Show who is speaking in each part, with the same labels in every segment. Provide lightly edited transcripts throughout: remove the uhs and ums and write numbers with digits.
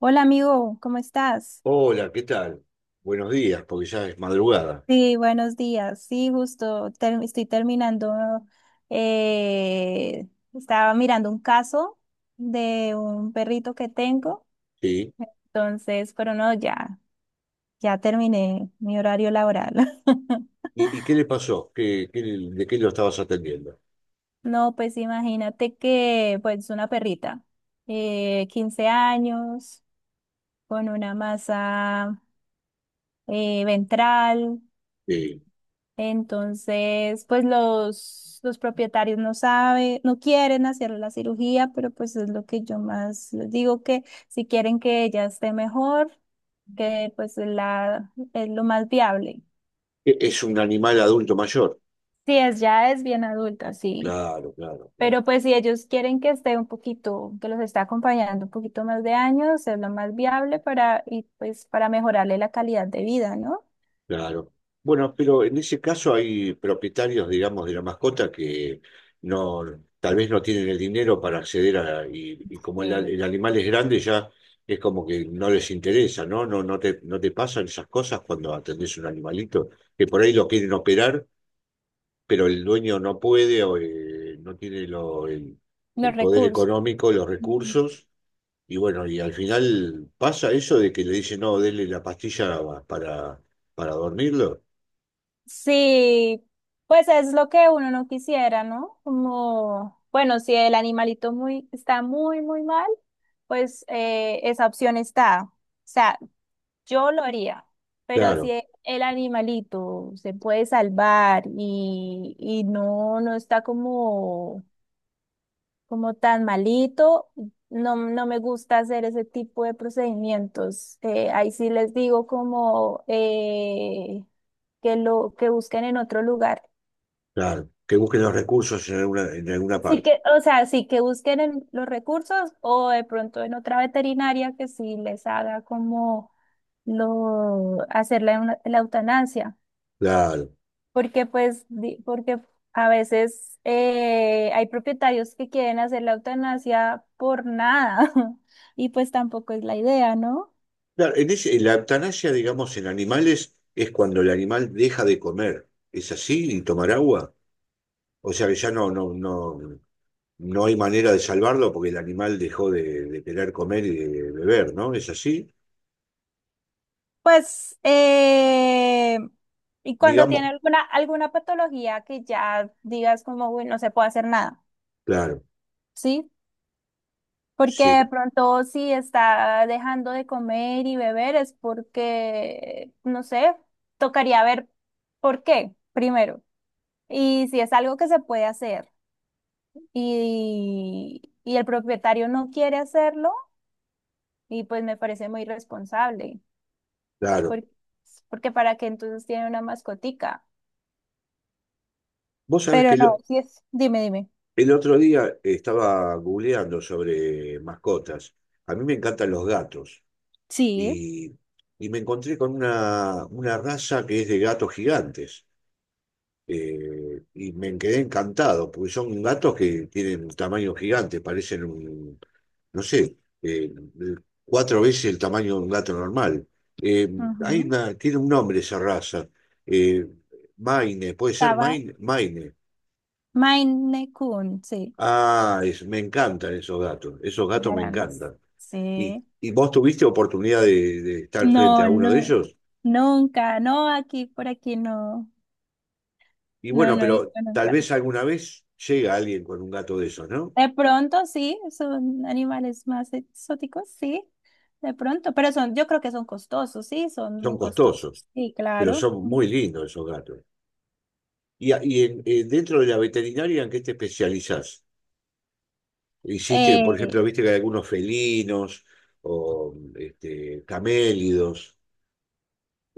Speaker 1: Hola amigo, ¿cómo estás?
Speaker 2: Hola, ¿qué tal? Buenos días, porque ya es madrugada.
Speaker 1: Sí, buenos días. Sí, estoy terminando, eh, estaba mirando un caso de un perrito que tengo.
Speaker 2: Sí.
Speaker 1: Entonces, pero no, ya terminé mi horario laboral.
Speaker 2: ¿Y qué le pasó? ¿De qué lo estabas atendiendo?
Speaker 1: No, pues imagínate que, pues, una perrita, 15 años, con una masa ventral.
Speaker 2: Sí.
Speaker 1: Entonces, pues los propietarios no saben, no quieren hacer la cirugía, pero pues es lo que yo más les digo que si quieren que ella esté mejor, es lo más viable.
Speaker 2: Es un animal adulto mayor.
Speaker 1: Sí, es, ya es bien adulta, sí.
Speaker 2: Claro, claro, claro,
Speaker 1: Pero pues si ellos quieren que esté un poquito, que los está acompañando un poquito más de años, es lo más viable para, y pues para mejorarle la calidad de vida, ¿no?
Speaker 2: claro. Bueno, pero en ese caso hay propietarios, digamos, de la mascota que no, tal vez no tienen el dinero para acceder a, y como el, a-
Speaker 1: Sí.
Speaker 2: el animal es grande, ya es como que no les interesa, ¿no? No, no te pasan esas cosas cuando atendés un animalito, que por ahí lo quieren operar pero el dueño no puede o no tiene el
Speaker 1: Los
Speaker 2: poder
Speaker 1: recursos.
Speaker 2: económico, los recursos, y bueno, y al final pasa eso de que le dicen, no, denle la pastilla para, para dormirlo.
Speaker 1: Sí, pues es lo que uno no quisiera, ¿no? Como, bueno, si el animalito muy, está muy, muy mal, pues esa opción está. O sea, yo lo haría, pero si
Speaker 2: Claro,
Speaker 1: el animalito se puede salvar y no, no está como, como tan malito, no, no me gusta hacer ese tipo de procedimientos. Ahí sí les digo como que lo que busquen en otro lugar.
Speaker 2: claro, que busquen los recursos en en alguna
Speaker 1: Sí
Speaker 2: parte.
Speaker 1: que, o sea, sí que busquen en los recursos o de pronto en otra veterinaria que sí les haga como lo hacer la, la eutanasia,
Speaker 2: Claro,
Speaker 1: porque a veces hay propietarios que quieren hacer la eutanasia por nada y pues tampoco es la idea, ¿no?
Speaker 2: claro, en la eutanasia, digamos, en animales es cuando el animal deja de comer. ¿Es así? ¿Y tomar agua? O sea que ya no, no, no. No hay manera de salvarlo porque el animal dejó de querer comer y de beber, ¿no? ¿Es así?
Speaker 1: Pues y cuando
Speaker 2: Digamos,
Speaker 1: tiene alguna patología que ya digas como, uy, no se puede hacer nada,
Speaker 2: claro,
Speaker 1: ¿sí? Porque
Speaker 2: sí,
Speaker 1: de pronto si está dejando de comer y beber es porque, no sé, tocaría ver por qué primero. Y si es algo que se puede hacer y el propietario no quiere hacerlo, y pues me parece muy irresponsable,
Speaker 2: claro.
Speaker 1: por- porque para qué entonces tiene una mascotica.
Speaker 2: Vos sabés
Speaker 1: Pero
Speaker 2: que
Speaker 1: no, si es, dime, dime.
Speaker 2: el otro día estaba googleando sobre mascotas. A mí me encantan los gatos
Speaker 1: Sí.
Speaker 2: y, y me encontré con una raza que es de gatos gigantes. Y me quedé encantado, porque son gatos que tienen tamaño gigante, parecen no sé, cuatro veces el tamaño de un gato normal. Eh, hay
Speaker 1: Ujú.
Speaker 2: una, tiene un nombre esa raza. eh, Maine, ¿puede ser
Speaker 1: Estaba
Speaker 2: Maine? Maine.
Speaker 1: Maine Coon, sí,
Speaker 2: Ah, me encantan esos gatos me
Speaker 1: grandes.
Speaker 2: encantan. ¿Y,
Speaker 1: Sí.
Speaker 2: y vos tuviste oportunidad de estar frente
Speaker 1: No,
Speaker 2: a uno de
Speaker 1: no,
Speaker 2: ellos?
Speaker 1: nunca, no, aquí, por aquí no,
Speaker 2: Y
Speaker 1: no,
Speaker 2: bueno,
Speaker 1: no he
Speaker 2: pero
Speaker 1: visto
Speaker 2: tal
Speaker 1: nunca.
Speaker 2: vez alguna vez llega alguien con un gato de esos, ¿no?
Speaker 1: De pronto sí, son animales más exóticos, sí, de pronto, pero son, yo creo que son costosos, sí, son
Speaker 2: Son
Speaker 1: muy
Speaker 2: costosos,
Speaker 1: costosos, sí,
Speaker 2: pero
Speaker 1: claro.
Speaker 2: son muy
Speaker 1: Ujú.
Speaker 2: lindos esos gatos. Dentro de la veterinaria, ¿en qué te especializás? Hiciste, por ejemplo,
Speaker 1: Eh,
Speaker 2: viste que hay algunos felinos o este, camélidos.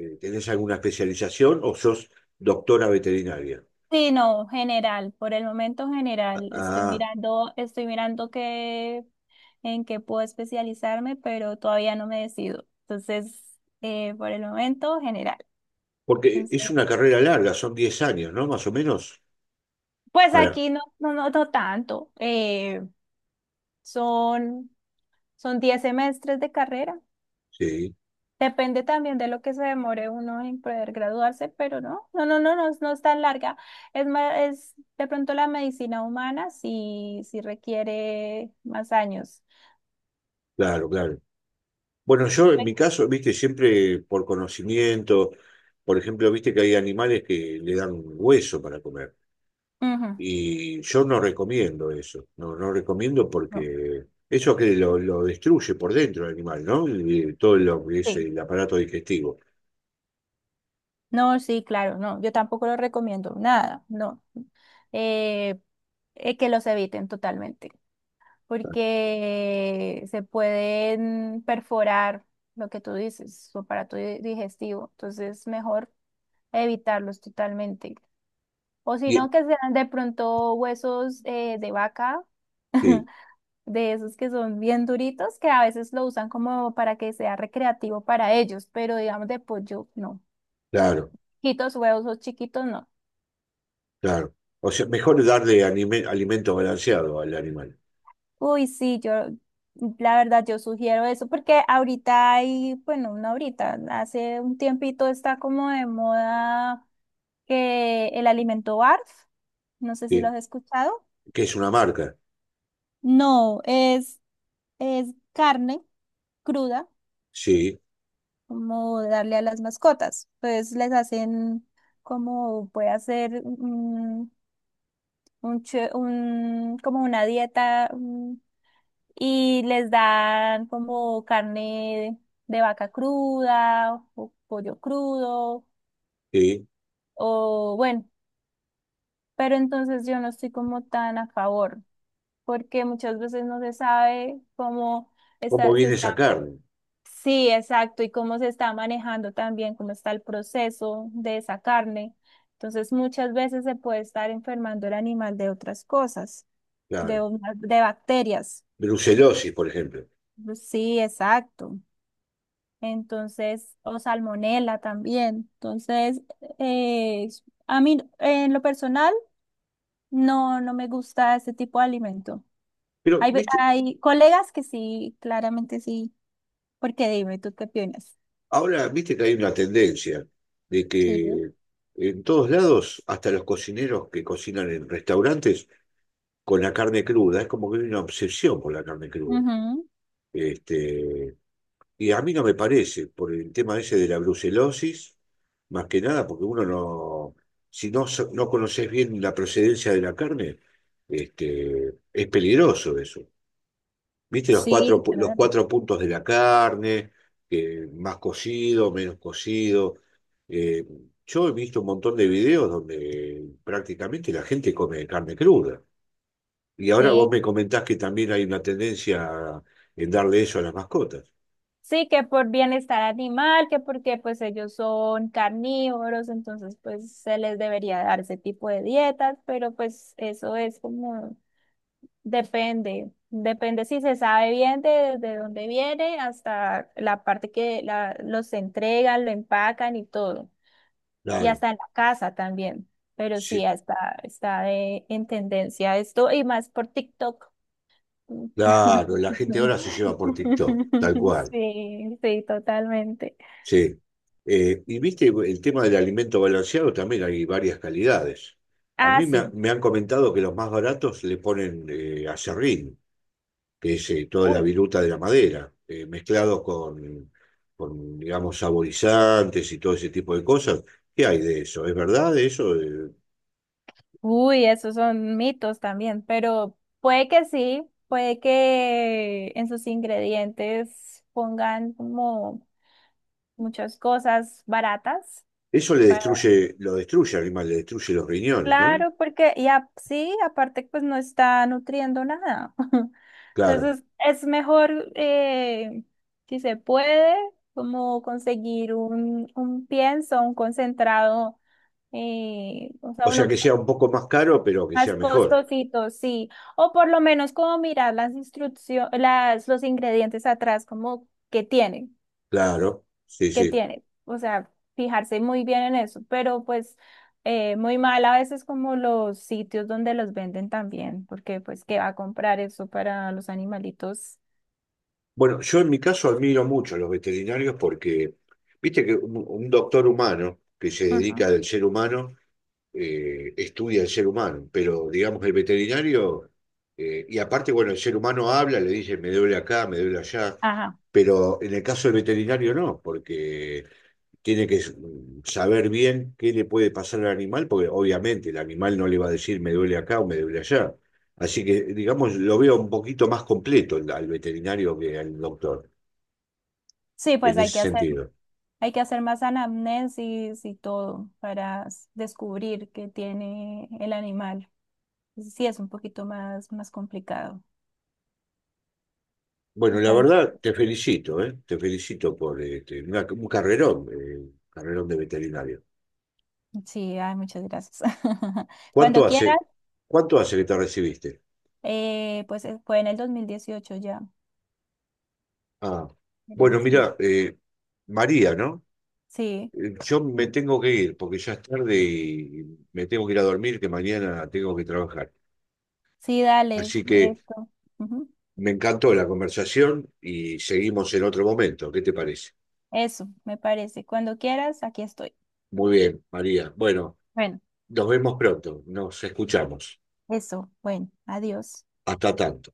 Speaker 2: ¿Tenés alguna especialización o sos doctora veterinaria?
Speaker 1: sí, no, general, por el momento general,
Speaker 2: Ah,
Speaker 1: estoy mirando qué, en qué puedo especializarme, pero todavía no me decido. Entonces, por el momento general.
Speaker 2: porque
Speaker 1: Entonces,
Speaker 2: es una carrera larga, son 10 años, ¿no? Más o menos.
Speaker 1: pues
Speaker 2: Para,
Speaker 1: aquí no, no, no, no tanto. Son, son 10 semestres de carrera.
Speaker 2: sí,
Speaker 1: Depende también de lo que se demore uno en poder graduarse, pero no, no, no, no, no, es no es tan larga. Es más, es de pronto la medicina humana sí, sí requiere más años.
Speaker 2: claro, claro. Bueno, yo en mi caso, viste, siempre por conocimiento, por ejemplo, viste que hay animales que le dan hueso para comer.
Speaker 1: Ujú.
Speaker 2: Y yo no recomiendo eso, no, no recomiendo
Speaker 1: No,
Speaker 2: porque eso que lo destruye por dentro el animal, ¿no? Y todo lo que es
Speaker 1: sí,
Speaker 2: el aparato digestivo.
Speaker 1: no, sí, claro, no, yo tampoco lo recomiendo, nada, no. Eh, que los eviten totalmente. Porque se pueden perforar lo que tú dices, su digestivo. Entonces, mejor evitarlos totalmente. O si
Speaker 2: Y-
Speaker 1: no, que sean de pronto huesos de vaca,
Speaker 2: sí,
Speaker 1: de esos que son bien duritos, que a veces lo usan como para que sea recreativo para ellos, pero digamos de pollo, no.
Speaker 2: claro,
Speaker 1: Chiquitos, huesos chiquitos, no.
Speaker 2: claro. O sea, mejor darle alimento balanceado al animal,
Speaker 1: Uy, sí, yo, la verdad, yo sugiero eso, porque ahorita hay, bueno, no ahorita, hace un tiempito está como de moda que el alimento BARF, no sé si lo
Speaker 2: ¿sí?
Speaker 1: has escuchado.
Speaker 2: Que es una marca,
Speaker 1: No, es carne cruda,
Speaker 2: sí,
Speaker 1: como darle a las mascotas. Pues les hacen como puede hacer como una dieta, y les dan como carne de vaca cruda o pollo crudo
Speaker 2: sí.
Speaker 1: o bueno, pero entonces yo no estoy como tan a favor porque muchas veces no se sabe cómo
Speaker 2: ¿Cómo
Speaker 1: está, se
Speaker 2: viene esa
Speaker 1: está,
Speaker 2: carne?
Speaker 1: sí, exacto, y cómo se está manejando también, cómo está el proceso de esa carne. Entonces muchas veces se puede estar enfermando el animal de otras cosas,
Speaker 2: Claro.
Speaker 1: de bacterias.
Speaker 2: Brucelosis, por ejemplo.
Speaker 1: Sí, exacto. Entonces, o salmonela también. Entonces, eh, a mí en lo personal no, no me gusta ese tipo de alimento.
Speaker 2: Pero, viste,
Speaker 1: Hay colegas que sí, claramente sí, porque dime, ¿tú qué opinas?
Speaker 2: ahora viste que hay una tendencia de
Speaker 1: Sí.
Speaker 2: que en todos lados, hasta los cocineros que cocinan en restaurantes, con la carne cruda, es como que hay una obsesión por la carne cruda.
Speaker 1: Ujú.
Speaker 2: Este, y a mí no me parece, por el tema ese de la brucelosis, más que nada, porque uno no, si no, no conoces bien la procedencia de la carne, este, es peligroso eso. ¿Viste los cuatro,
Speaker 1: Sí,
Speaker 2: pu- los
Speaker 1: claro.
Speaker 2: cuatro puntos de la carne, que más cocido, menos cocido? Eh, yo he visto un montón de videos donde prácticamente la gente come carne cruda. Y ahora vos
Speaker 1: Sí,
Speaker 2: me comentás que también hay una tendencia a- en darle eso a las mascotas.
Speaker 1: sí, que por bienestar animal, que porque pues ellos son carnívoros, entonces pues se les debería dar ese tipo de dietas, pero pues eso es como depende, depende si se sabe bien de dónde viene hasta la parte que los entregan, lo empacan y todo. Y
Speaker 2: Claro,
Speaker 1: hasta en la casa también. Pero sí,
Speaker 2: sí,
Speaker 1: en tendencia esto y más por TikTok.
Speaker 2: claro, la gente ahora se lleva por TikTok, tal cual,
Speaker 1: Sí, sí, totalmente.
Speaker 2: sí. Y viste, el tema del alimento balanceado también hay varias calidades. A
Speaker 1: Ah,
Speaker 2: mí me, ha-
Speaker 1: sí.
Speaker 2: me han comentado que los más baratos le ponen aserrín, que es toda la
Speaker 1: uy
Speaker 2: viruta de la madera, mezclado con, digamos, saborizantes y todo ese tipo de cosas. ¿Qué hay de eso? ¿Es verdad eso?
Speaker 1: Uy, esos son mitos también, pero puede que sí, puede que en sus ingredientes pongan como muchas cosas baratas.
Speaker 2: Eso le
Speaker 1: para-
Speaker 2: destruye, lo destruye al animal, le destruye los riñones, ¿no?
Speaker 1: Claro, porque sí, aparte pues no está nutriendo nada.
Speaker 2: Claro.
Speaker 1: Entonces es mejor, si se puede, como conseguir un pienso, un concentrado, o sea,
Speaker 2: O sea,
Speaker 1: uno.
Speaker 2: que sea un poco más caro, pero que sea
Speaker 1: Más
Speaker 2: mejor.
Speaker 1: costositos, sí. O por lo menos como mirar las instrucciones, los ingredientes atrás, como qué tienen,
Speaker 2: Claro, sí,
Speaker 1: qué
Speaker 2: sí.
Speaker 1: tienen. O sea, fijarse muy bien en eso. Pero pues muy mal a veces como los sitios donde los venden también, porque pues qué va a comprar eso para los animalitos.
Speaker 2: Bueno, yo en mi caso admiro mucho a los veterinarios porque, viste que un doctor humano que se dedica
Speaker 1: Ujú.
Speaker 2: del ser humano, estudia el ser humano, pero digamos el veterinario, y aparte, bueno, el ser humano habla, le dice, me duele acá, me duele allá,
Speaker 1: Ajá.
Speaker 2: pero en el caso del veterinario no, porque tiene que saber bien qué le puede pasar al animal, porque obviamente el animal no le va a decir me duele acá o me duele allá. Así que, digamos, lo veo un poquito más completo al veterinario que al doctor,
Speaker 1: Sí,
Speaker 2: en
Speaker 1: pues
Speaker 2: ese sentido.
Speaker 1: hay que hacer más anamnesis y todo para descubrir qué tiene el animal. Sí, es un poquito más, más complicado.
Speaker 2: Bueno, la verdad,
Speaker 1: Totalmente.
Speaker 2: te felicito, ¿eh? Te felicito por este, un carrerón de veterinario.
Speaker 1: Sí, ay, muchas gracias.
Speaker 2: ¿Cuánto
Speaker 1: Cuando quieras,
Speaker 2: hace, cuánto hace que te recibiste?
Speaker 1: fue en el 2018 ya.
Speaker 2: Ah,
Speaker 1: Era
Speaker 2: bueno,
Speaker 1: vez mi-
Speaker 2: mira, María, ¿no?
Speaker 1: Sí,
Speaker 2: Yo me tengo que ir porque ya es tarde y me tengo que ir a dormir, que mañana tengo que trabajar.
Speaker 1: sí, dale
Speaker 2: Así que
Speaker 1: esto. Ujú.
Speaker 2: me encantó la conversación y seguimos en otro momento. ¿Qué te parece?
Speaker 1: Eso, me parece. Cuando quieras, aquí estoy.
Speaker 2: Muy bien, María. Bueno,
Speaker 1: Bueno,
Speaker 2: nos vemos pronto, nos escuchamos.
Speaker 1: eso. Bueno, adiós.
Speaker 2: Hasta tanto.